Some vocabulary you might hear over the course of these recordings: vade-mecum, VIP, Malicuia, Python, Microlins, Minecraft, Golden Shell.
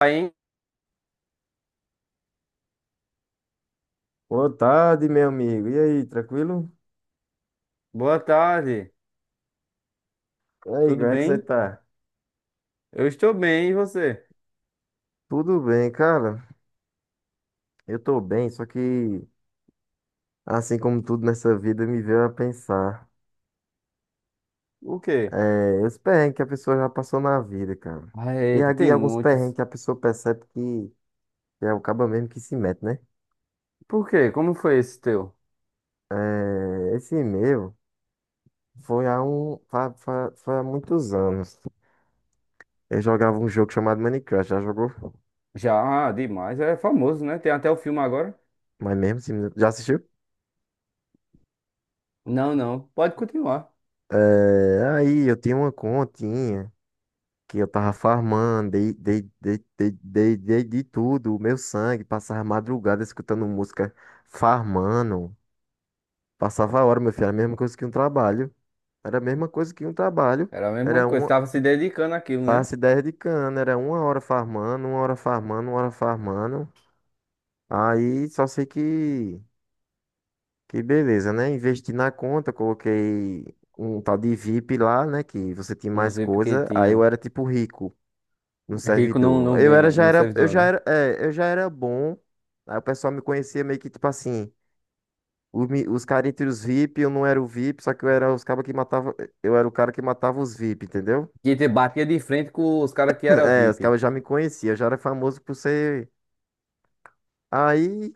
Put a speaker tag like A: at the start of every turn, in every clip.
A: Aí, hein?
B: Boa tarde, meu amigo. E aí, tranquilo?
A: Boa tarde,
B: E aí,
A: tudo
B: como é que você
A: bem?
B: tá?
A: Eu estou bem, e você?
B: Tudo bem, cara. Eu tô bem, só que, assim como tudo nessa vida, me veio a pensar.
A: O quê?
B: É, os perrengues que a pessoa já passou na vida, cara.
A: Ah,
B: E
A: eita,
B: aqui
A: tem
B: alguns perrengues
A: muitos.
B: que a pessoa percebe que é o caba mesmo que se mete, né?
A: Por quê? Como foi esse teu?
B: É, esse meu foi há muitos anos. Eu jogava um jogo chamado Minecraft, já jogou?
A: Já, demais, é famoso, né? Tem até o filme agora.
B: Mas mesmo, assim, já assistiu?
A: Não, não, pode continuar.
B: É, aí eu tinha uma continha que eu tava farmando, dei de tudo, o meu sangue. Passava madrugada escutando música, farmando, passava a hora, meu filho. Era a mesma coisa que um trabalho, era a mesma coisa que um trabalho.
A: Era a mesma
B: era
A: coisa,
B: uma,
A: estava se dedicando àquilo, né?
B: Passe 10 de cana. Era uma hora farmando, uma hora farmando, uma hora farmando. Aí só sei que beleza, né, investi na conta, coloquei um tal de VIP lá, né, que você tinha
A: Um
B: mais
A: VIP que
B: coisa. Aí eu
A: tinha.
B: era tipo rico, no
A: Rico não,
B: servidor.
A: não ganha, não
B: Eu
A: servidor,
B: já
A: não.
B: era, é, eu já era bom. Aí o pessoal me conhecia meio que tipo assim, os caras entre os VIP. Eu não era o VIP, só que eu era os cabas que matava, eu era o cara que matava os VIP, entendeu?
A: Que te batia de frente com os caras que era
B: É, os
A: VIP.
B: cabas já me conheciam, eu já era famoso por ser. Aí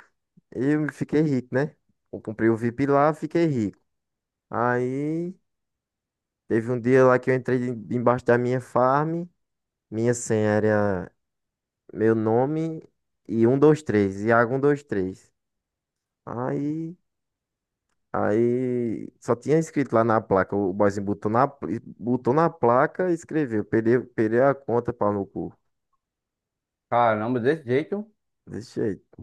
B: eu fiquei rico, né? Eu comprei o VIP lá, fiquei rico. Aí teve um dia lá que eu entrei embaixo da minha farm. Minha senha era meu nome e um 123, Iago 123. Aí Aí, só tinha escrito lá na placa. O boyzinho botou na placa e escreveu, perdeu perdi a conta, pau no cu.
A: Caramba, desse jeito.
B: Desse jeito.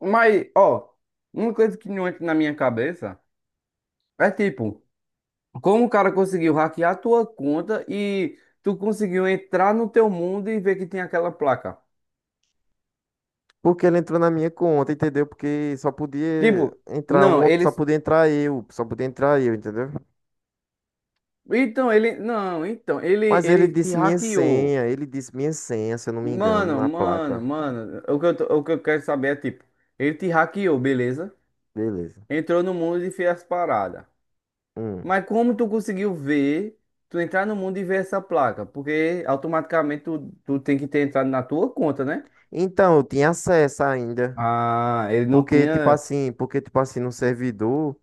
A: Mas, ó, uma coisa que não entra na minha cabeça é tipo. Como o cara conseguiu hackear a tua conta e tu conseguiu entrar no teu mundo e ver que tem aquela placa?
B: Porque ele entrou na minha conta, entendeu? Porque só podia
A: Tipo,
B: entrar
A: não,
B: uma, só
A: eles.
B: podia entrar eu, só podia entrar eu, entendeu?
A: Então, ele. Não, então, ele,
B: Mas ele
A: ele te
B: disse minha
A: hackeou.
B: senha, ele disse minha senha, se eu não me engano,
A: Mano,
B: na
A: mano,
B: placa.
A: mano. O que eu quero saber é, tipo, ele te hackeou, beleza?
B: Beleza.
A: Entrou no mundo e fez as paradas.
B: Hum.
A: Mas como tu conseguiu ver, tu entrar no mundo e ver essa placa? Porque automaticamente tu tem que ter entrado na tua conta, né?
B: Então, eu tinha acesso ainda,
A: Ah, ele não
B: porque tipo
A: tinha
B: assim, porque tipo assim, no servidor.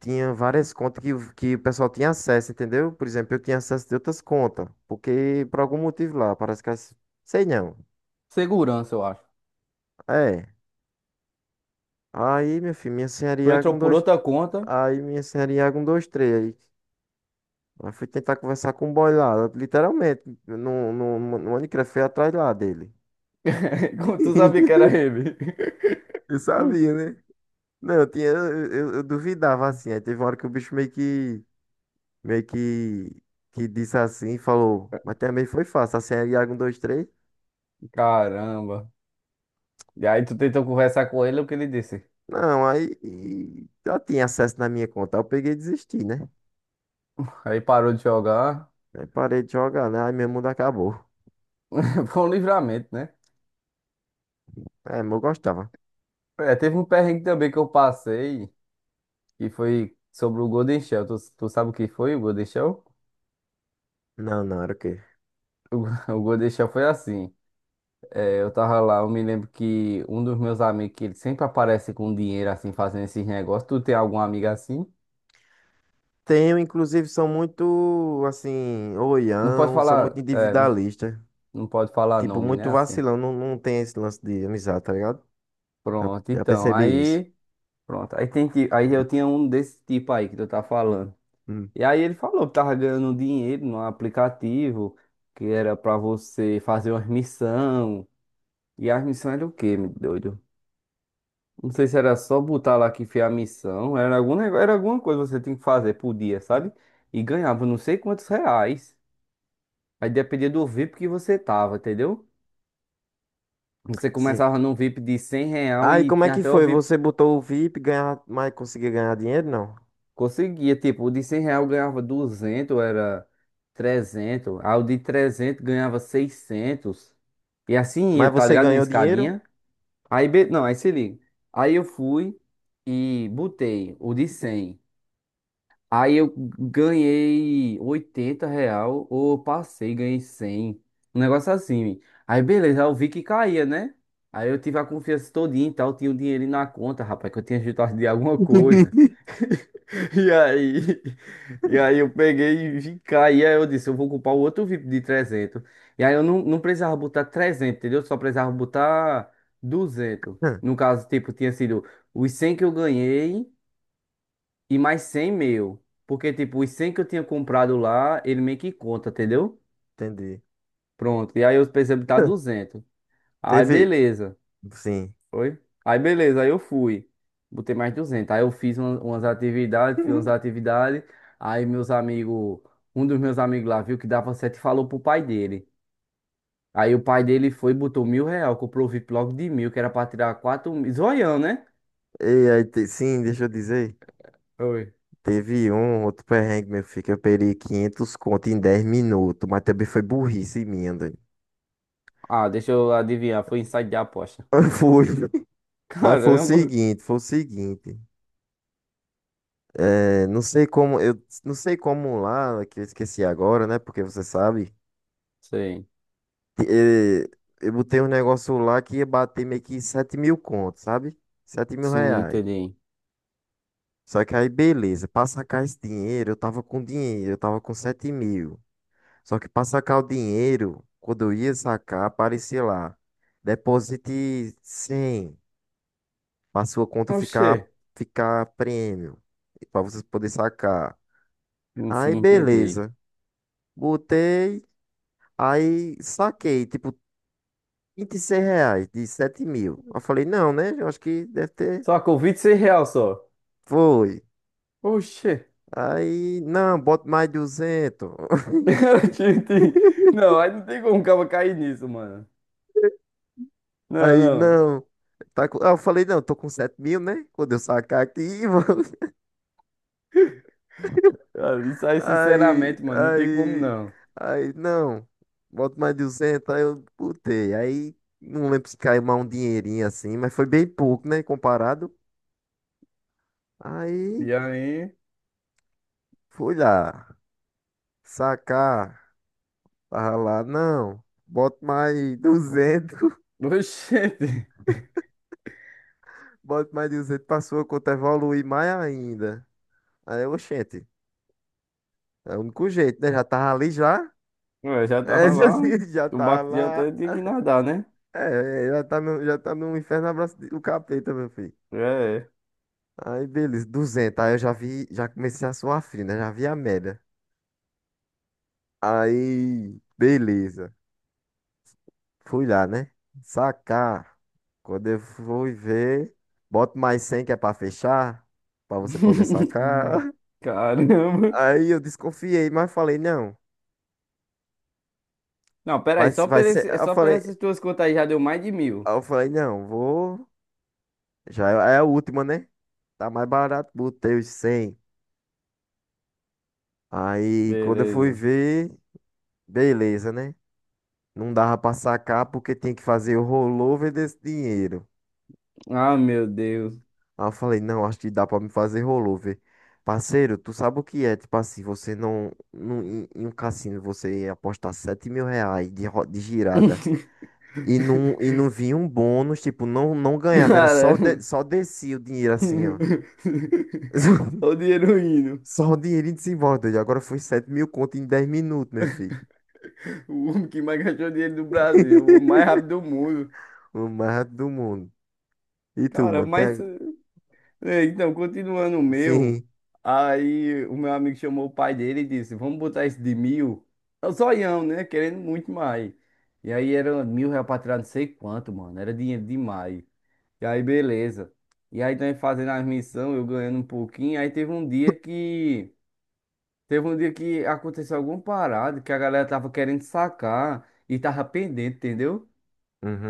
B: Tinha várias contas que o pessoal tinha acesso, entendeu? Por exemplo, eu tinha acesso de outras contas, porque por algum motivo lá, parece que as... Sei não.
A: segurança, eu acho.
B: É. Aí, meu filho, minha senhora
A: Tu
B: Iago
A: entrou
B: um
A: por
B: dois.
A: outra conta,
B: Aí, minha senhora Iago um dois três. Aí, fui tentar conversar com o boy lá, literalmente, no Minecraft, fui atrás lá dele.
A: como tu sabia que era ele.
B: Eu sabia, né? Não, eu tinha, eu duvidava assim. Aí teve uma hora que o bicho meio que, que disse assim, falou, mas também foi fácil. Assim, é Iago 1, 2 três.
A: Caramba. E aí tu tentou conversar com ele, o que ele disse?
B: Não, aí e já tinha acesso na minha conta. Aí eu peguei e desisti, né?
A: Aí parou de jogar.
B: Aí parei de jogar, né? Aí meu mundo acabou.
A: Foi um livramento, né?
B: É, mas eu gostava.
A: É, teve um perrengue também que eu passei, que foi sobre o Golden Shell. Tu sabe o que foi o Golden Shell?
B: Não, não, era o quê?
A: O, o Golden Shell foi assim. É, eu tava lá, eu me lembro que um dos meus amigos, que ele sempre aparece com dinheiro assim, fazendo esses negócios. Tu tem algum amigo assim?
B: Tenho, inclusive, são muito, assim,
A: Não pode
B: oião, são
A: falar,
B: muito
A: é, não,
B: individualista.
A: não pode falar
B: Tipo,
A: nome,
B: muito
A: né? Assim.
B: vacilão. Não, não tem esse lance de amizade, tá ligado? Já,
A: Pronto,
B: já
A: então,
B: percebi isso.
A: aí, pronto, aí tem que, aí eu tinha um desse tipo aí que tu tá falando.
B: Hum.
A: E aí ele falou que tava ganhando dinheiro no aplicativo, que era pra você fazer uma missão. E as missões era o quê, meu doido? Não sei se era só botar lá que fez a missão, era algum negócio, era alguma coisa que você tinha que fazer por dia, sabe? E ganhava não sei quantos reais. Aí dependia do VIP que você tava, entendeu? Você
B: Sim.
A: começava num VIP de 100 real
B: Aí,
A: e
B: como é
A: tinha
B: que
A: até o
B: foi?
A: VIP.
B: Você botou o VIP, ganhar, mas conseguiu ganhar dinheiro? Não.
A: Conseguia, tipo, o de 100 real ganhava 200, era 300. Aí o de 300 ganhava 600. E assim ia,
B: Mas
A: tá
B: você
A: ligado? Uma
B: ganhou dinheiro?
A: escadinha. Aí, não, aí se liga. Aí eu fui e botei o de 100. Aí eu ganhei 80 real, ou passei, ganhei 100. Um negócio assim. Aí beleza, eu vi que caía, né? Aí eu tive a confiança todinha e tal, tinha o dinheiro na conta, rapaz, que eu tinha juntado de alguma coisa. E aí, e aí eu peguei e vim cá, e aí eu disse, eu vou ocupar o outro VIP de 300. E aí eu não precisava botar 300, entendeu? Só precisava botar 200. No caso, tipo, tinha sido os 100 que eu ganhei e mais 100 meu. Porque, tipo, os 100 que eu tinha comprado lá, ele meio que conta, entendeu?
B: Entendi.
A: Pronto, e aí eu precisava botar 200. Aí,
B: Teve.
A: beleza.
B: Sim.
A: Foi? Aí beleza, aí eu fui. Botei mais 200. Aí eu fiz umas atividades, fiz umas atividades. Aí meus amigos, um dos meus amigos lá viu que dava certo e falou pro pai dele. Aí o pai dele foi e botou 1.000 real, comprou o VIP logo de 1.000, que era pra tirar 4.000. Zoião, né?
B: E aí, sim, deixa eu dizer.
A: Oi.
B: Teve um outro perrengue, meu filho, que eu perdi 500 conto em 10 minutos, mas também foi burrice minha, doido.
A: Ah, deixa eu adivinhar, foi insight de aposta.
B: Foi. Mas foi o
A: Caramba!
B: seguinte, foi o seguinte. É, não sei como, eu não sei como lá, que eu esqueci agora, né? Porque você sabe.
A: Sei.
B: É, eu botei um negócio lá que ia bater meio que 7 mil contos, sabe? sete mil
A: Sim,
B: reais.
A: entendi.
B: Só que aí, beleza, pra sacar esse dinheiro, eu tava com dinheiro, eu tava com 7 mil. Só que para sacar o dinheiro, quando eu ia sacar, aparecia lá, deposite 100 para sua conta
A: Oxê.
B: ficar prêmio, para você poder sacar. Aí
A: Sim, entendi.
B: beleza, botei, aí saquei, tipo, R$ 26 de 7 mil. Eu falei, não, né? Eu acho que deve ter.
A: Só com 26 real só.
B: Foi.
A: Oxê.
B: Aí, não, bota mais 200.
A: Ti- ti- Não, aí não tem como o cara cair nisso, mano. Não,
B: Aí,
A: não.
B: não. Tá, aí eu falei, não, tô com 7 mil, né? Quando eu sacar aqui, vou.
A: Cara, isso aí,
B: Aí,
A: sinceramente, mano, não tem como
B: aí,
A: não.
B: aí, não, bota mais duzentos, aí eu botei. Aí, não lembro se caiu mais um dinheirinho assim, mas foi bem pouco, né, comparado. Aí,
A: E aí,
B: fui lá, sacar, tava lá, não, bota mais 200.
A: oxente,
B: Bota mais 200 pra sua conta evoluir mais ainda. Aí, eu, oxente, é o único jeito, né, já tava ali já,
A: eu já
B: é.
A: tava
B: Já,
A: lá,
B: já
A: o
B: tava
A: barco já
B: lá,
A: até tinha que nadar, né?
B: é, já tá no inferno abraço do capeta, meu filho.
A: É.
B: Aí, beleza, 200. Aí eu já vi, já comecei a suar frio, né? Já vi a média. Aí, beleza. Fui lá, né? Sacar. Quando eu fui ver, boto mais 100 que é pra fechar, pra você poder sacar.
A: Caramba.
B: Aí eu desconfiei, mas falei, não,
A: Não, pera
B: vai,
A: aí,
B: vai ser. Eu
A: só por
B: falei,
A: essas tuas contas aí já deu mais de 1.000.
B: eu falei, não, vou. Já é a última, né? Tá mais barato, botei os 100. Aí, quando eu fui
A: Beleza.
B: ver, beleza, né? Não dava pra sacar porque tinha que fazer o rollover desse dinheiro.
A: Ah, meu Deus.
B: Aí eu falei, não, acho que dá pra me fazer rollover. Parceiro, tu sabe o que é? Tipo assim, você não. Em um cassino você apostar 7 mil reais de girada. E não vinha um bônus, tipo, não, não ganhava, era só,
A: Caramba.
B: só descia o dinheiro assim, ó.
A: Só o dinheiro indo.
B: Só o dinheiro em desembolso. E agora foi 7 mil conto em 10 minutos, meu filho.
A: O homem que mais gastou dinheiro do Brasil, o mais rápido do mundo.
B: O mais rápido do mundo. E tu,
A: Cara,
B: mano?
A: mas.
B: Tem...
A: é, Então, continuando o meu.
B: Sim.
A: Aí o meu amigo chamou o pai dele e disse: Vamos botar esse de 1.000. É o zoião, né? Querendo muito mais. E aí era 1.000 reais pra tirar não sei quanto, mano. Era dinheiro demais. E aí, beleza. E aí, nós fazendo as missões, eu ganhando um pouquinho. Aí teve um dia que. Teve um dia que aconteceu alguma parada que a galera tava querendo sacar e tava pendente, entendeu?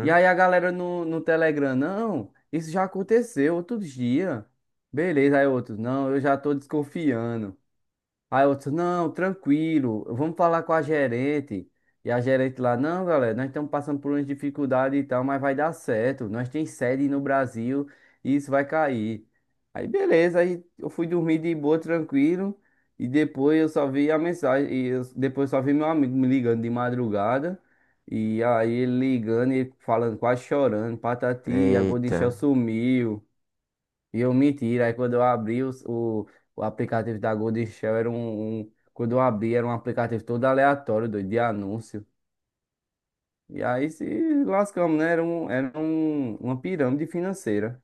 A: E aí a galera no Telegram, não, isso já aconteceu outro dia. Beleza, aí outros, não, eu já tô desconfiando. Aí outro, não, tranquilo, vamos falar com a gerente. E a gerente lá, não, galera, nós estamos passando por umas dificuldades e tal, mas vai dar certo. Nós tem sede no Brasil e isso vai cair. Aí beleza, aí eu fui dormir de boa, tranquilo. E depois eu só vi a mensagem, depois eu só vi meu amigo me ligando de madrugada. E aí ele ligando e falando, quase chorando, Patati, a Golden
B: Eita.
A: Shell sumiu. E eu menti, aí quando eu abri o aplicativo da Gold Shell. Quando eu abri, era um aplicativo todo aleatório, doido, de anúncio. E aí se lascamos, né? Era uma pirâmide financeira.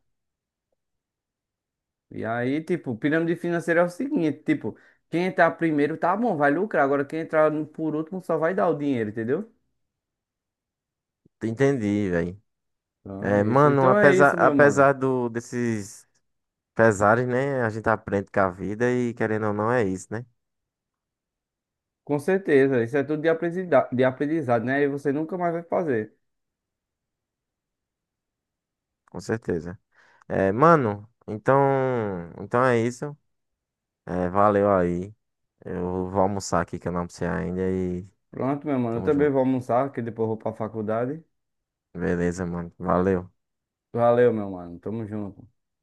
A: E aí, tipo, pirâmide financeira é o seguinte, tipo, quem entrar primeiro tá bom, vai lucrar. Agora quem entrar por último só vai dar o dinheiro, entendeu?
B: Entendi, velho.
A: Então
B: É,
A: é isso.
B: mano,
A: Então é
B: apesar,
A: isso, meu mano.
B: apesar do, desses pesares, né? A gente aprende com a vida e querendo ou não é isso, né?
A: Com certeza, isso é tudo de aprendizado, né? E você nunca mais vai fazer.
B: Com certeza. É, mano, então é isso. É, valeu aí. Eu vou almoçar aqui que eu não almocei ainda e
A: Pronto, meu mano. Eu
B: tamo
A: também
B: junto.
A: vou almoçar, que depois eu vou pra faculdade.
B: Beleza, mano. Valeu.
A: Valeu, meu mano. Tamo junto.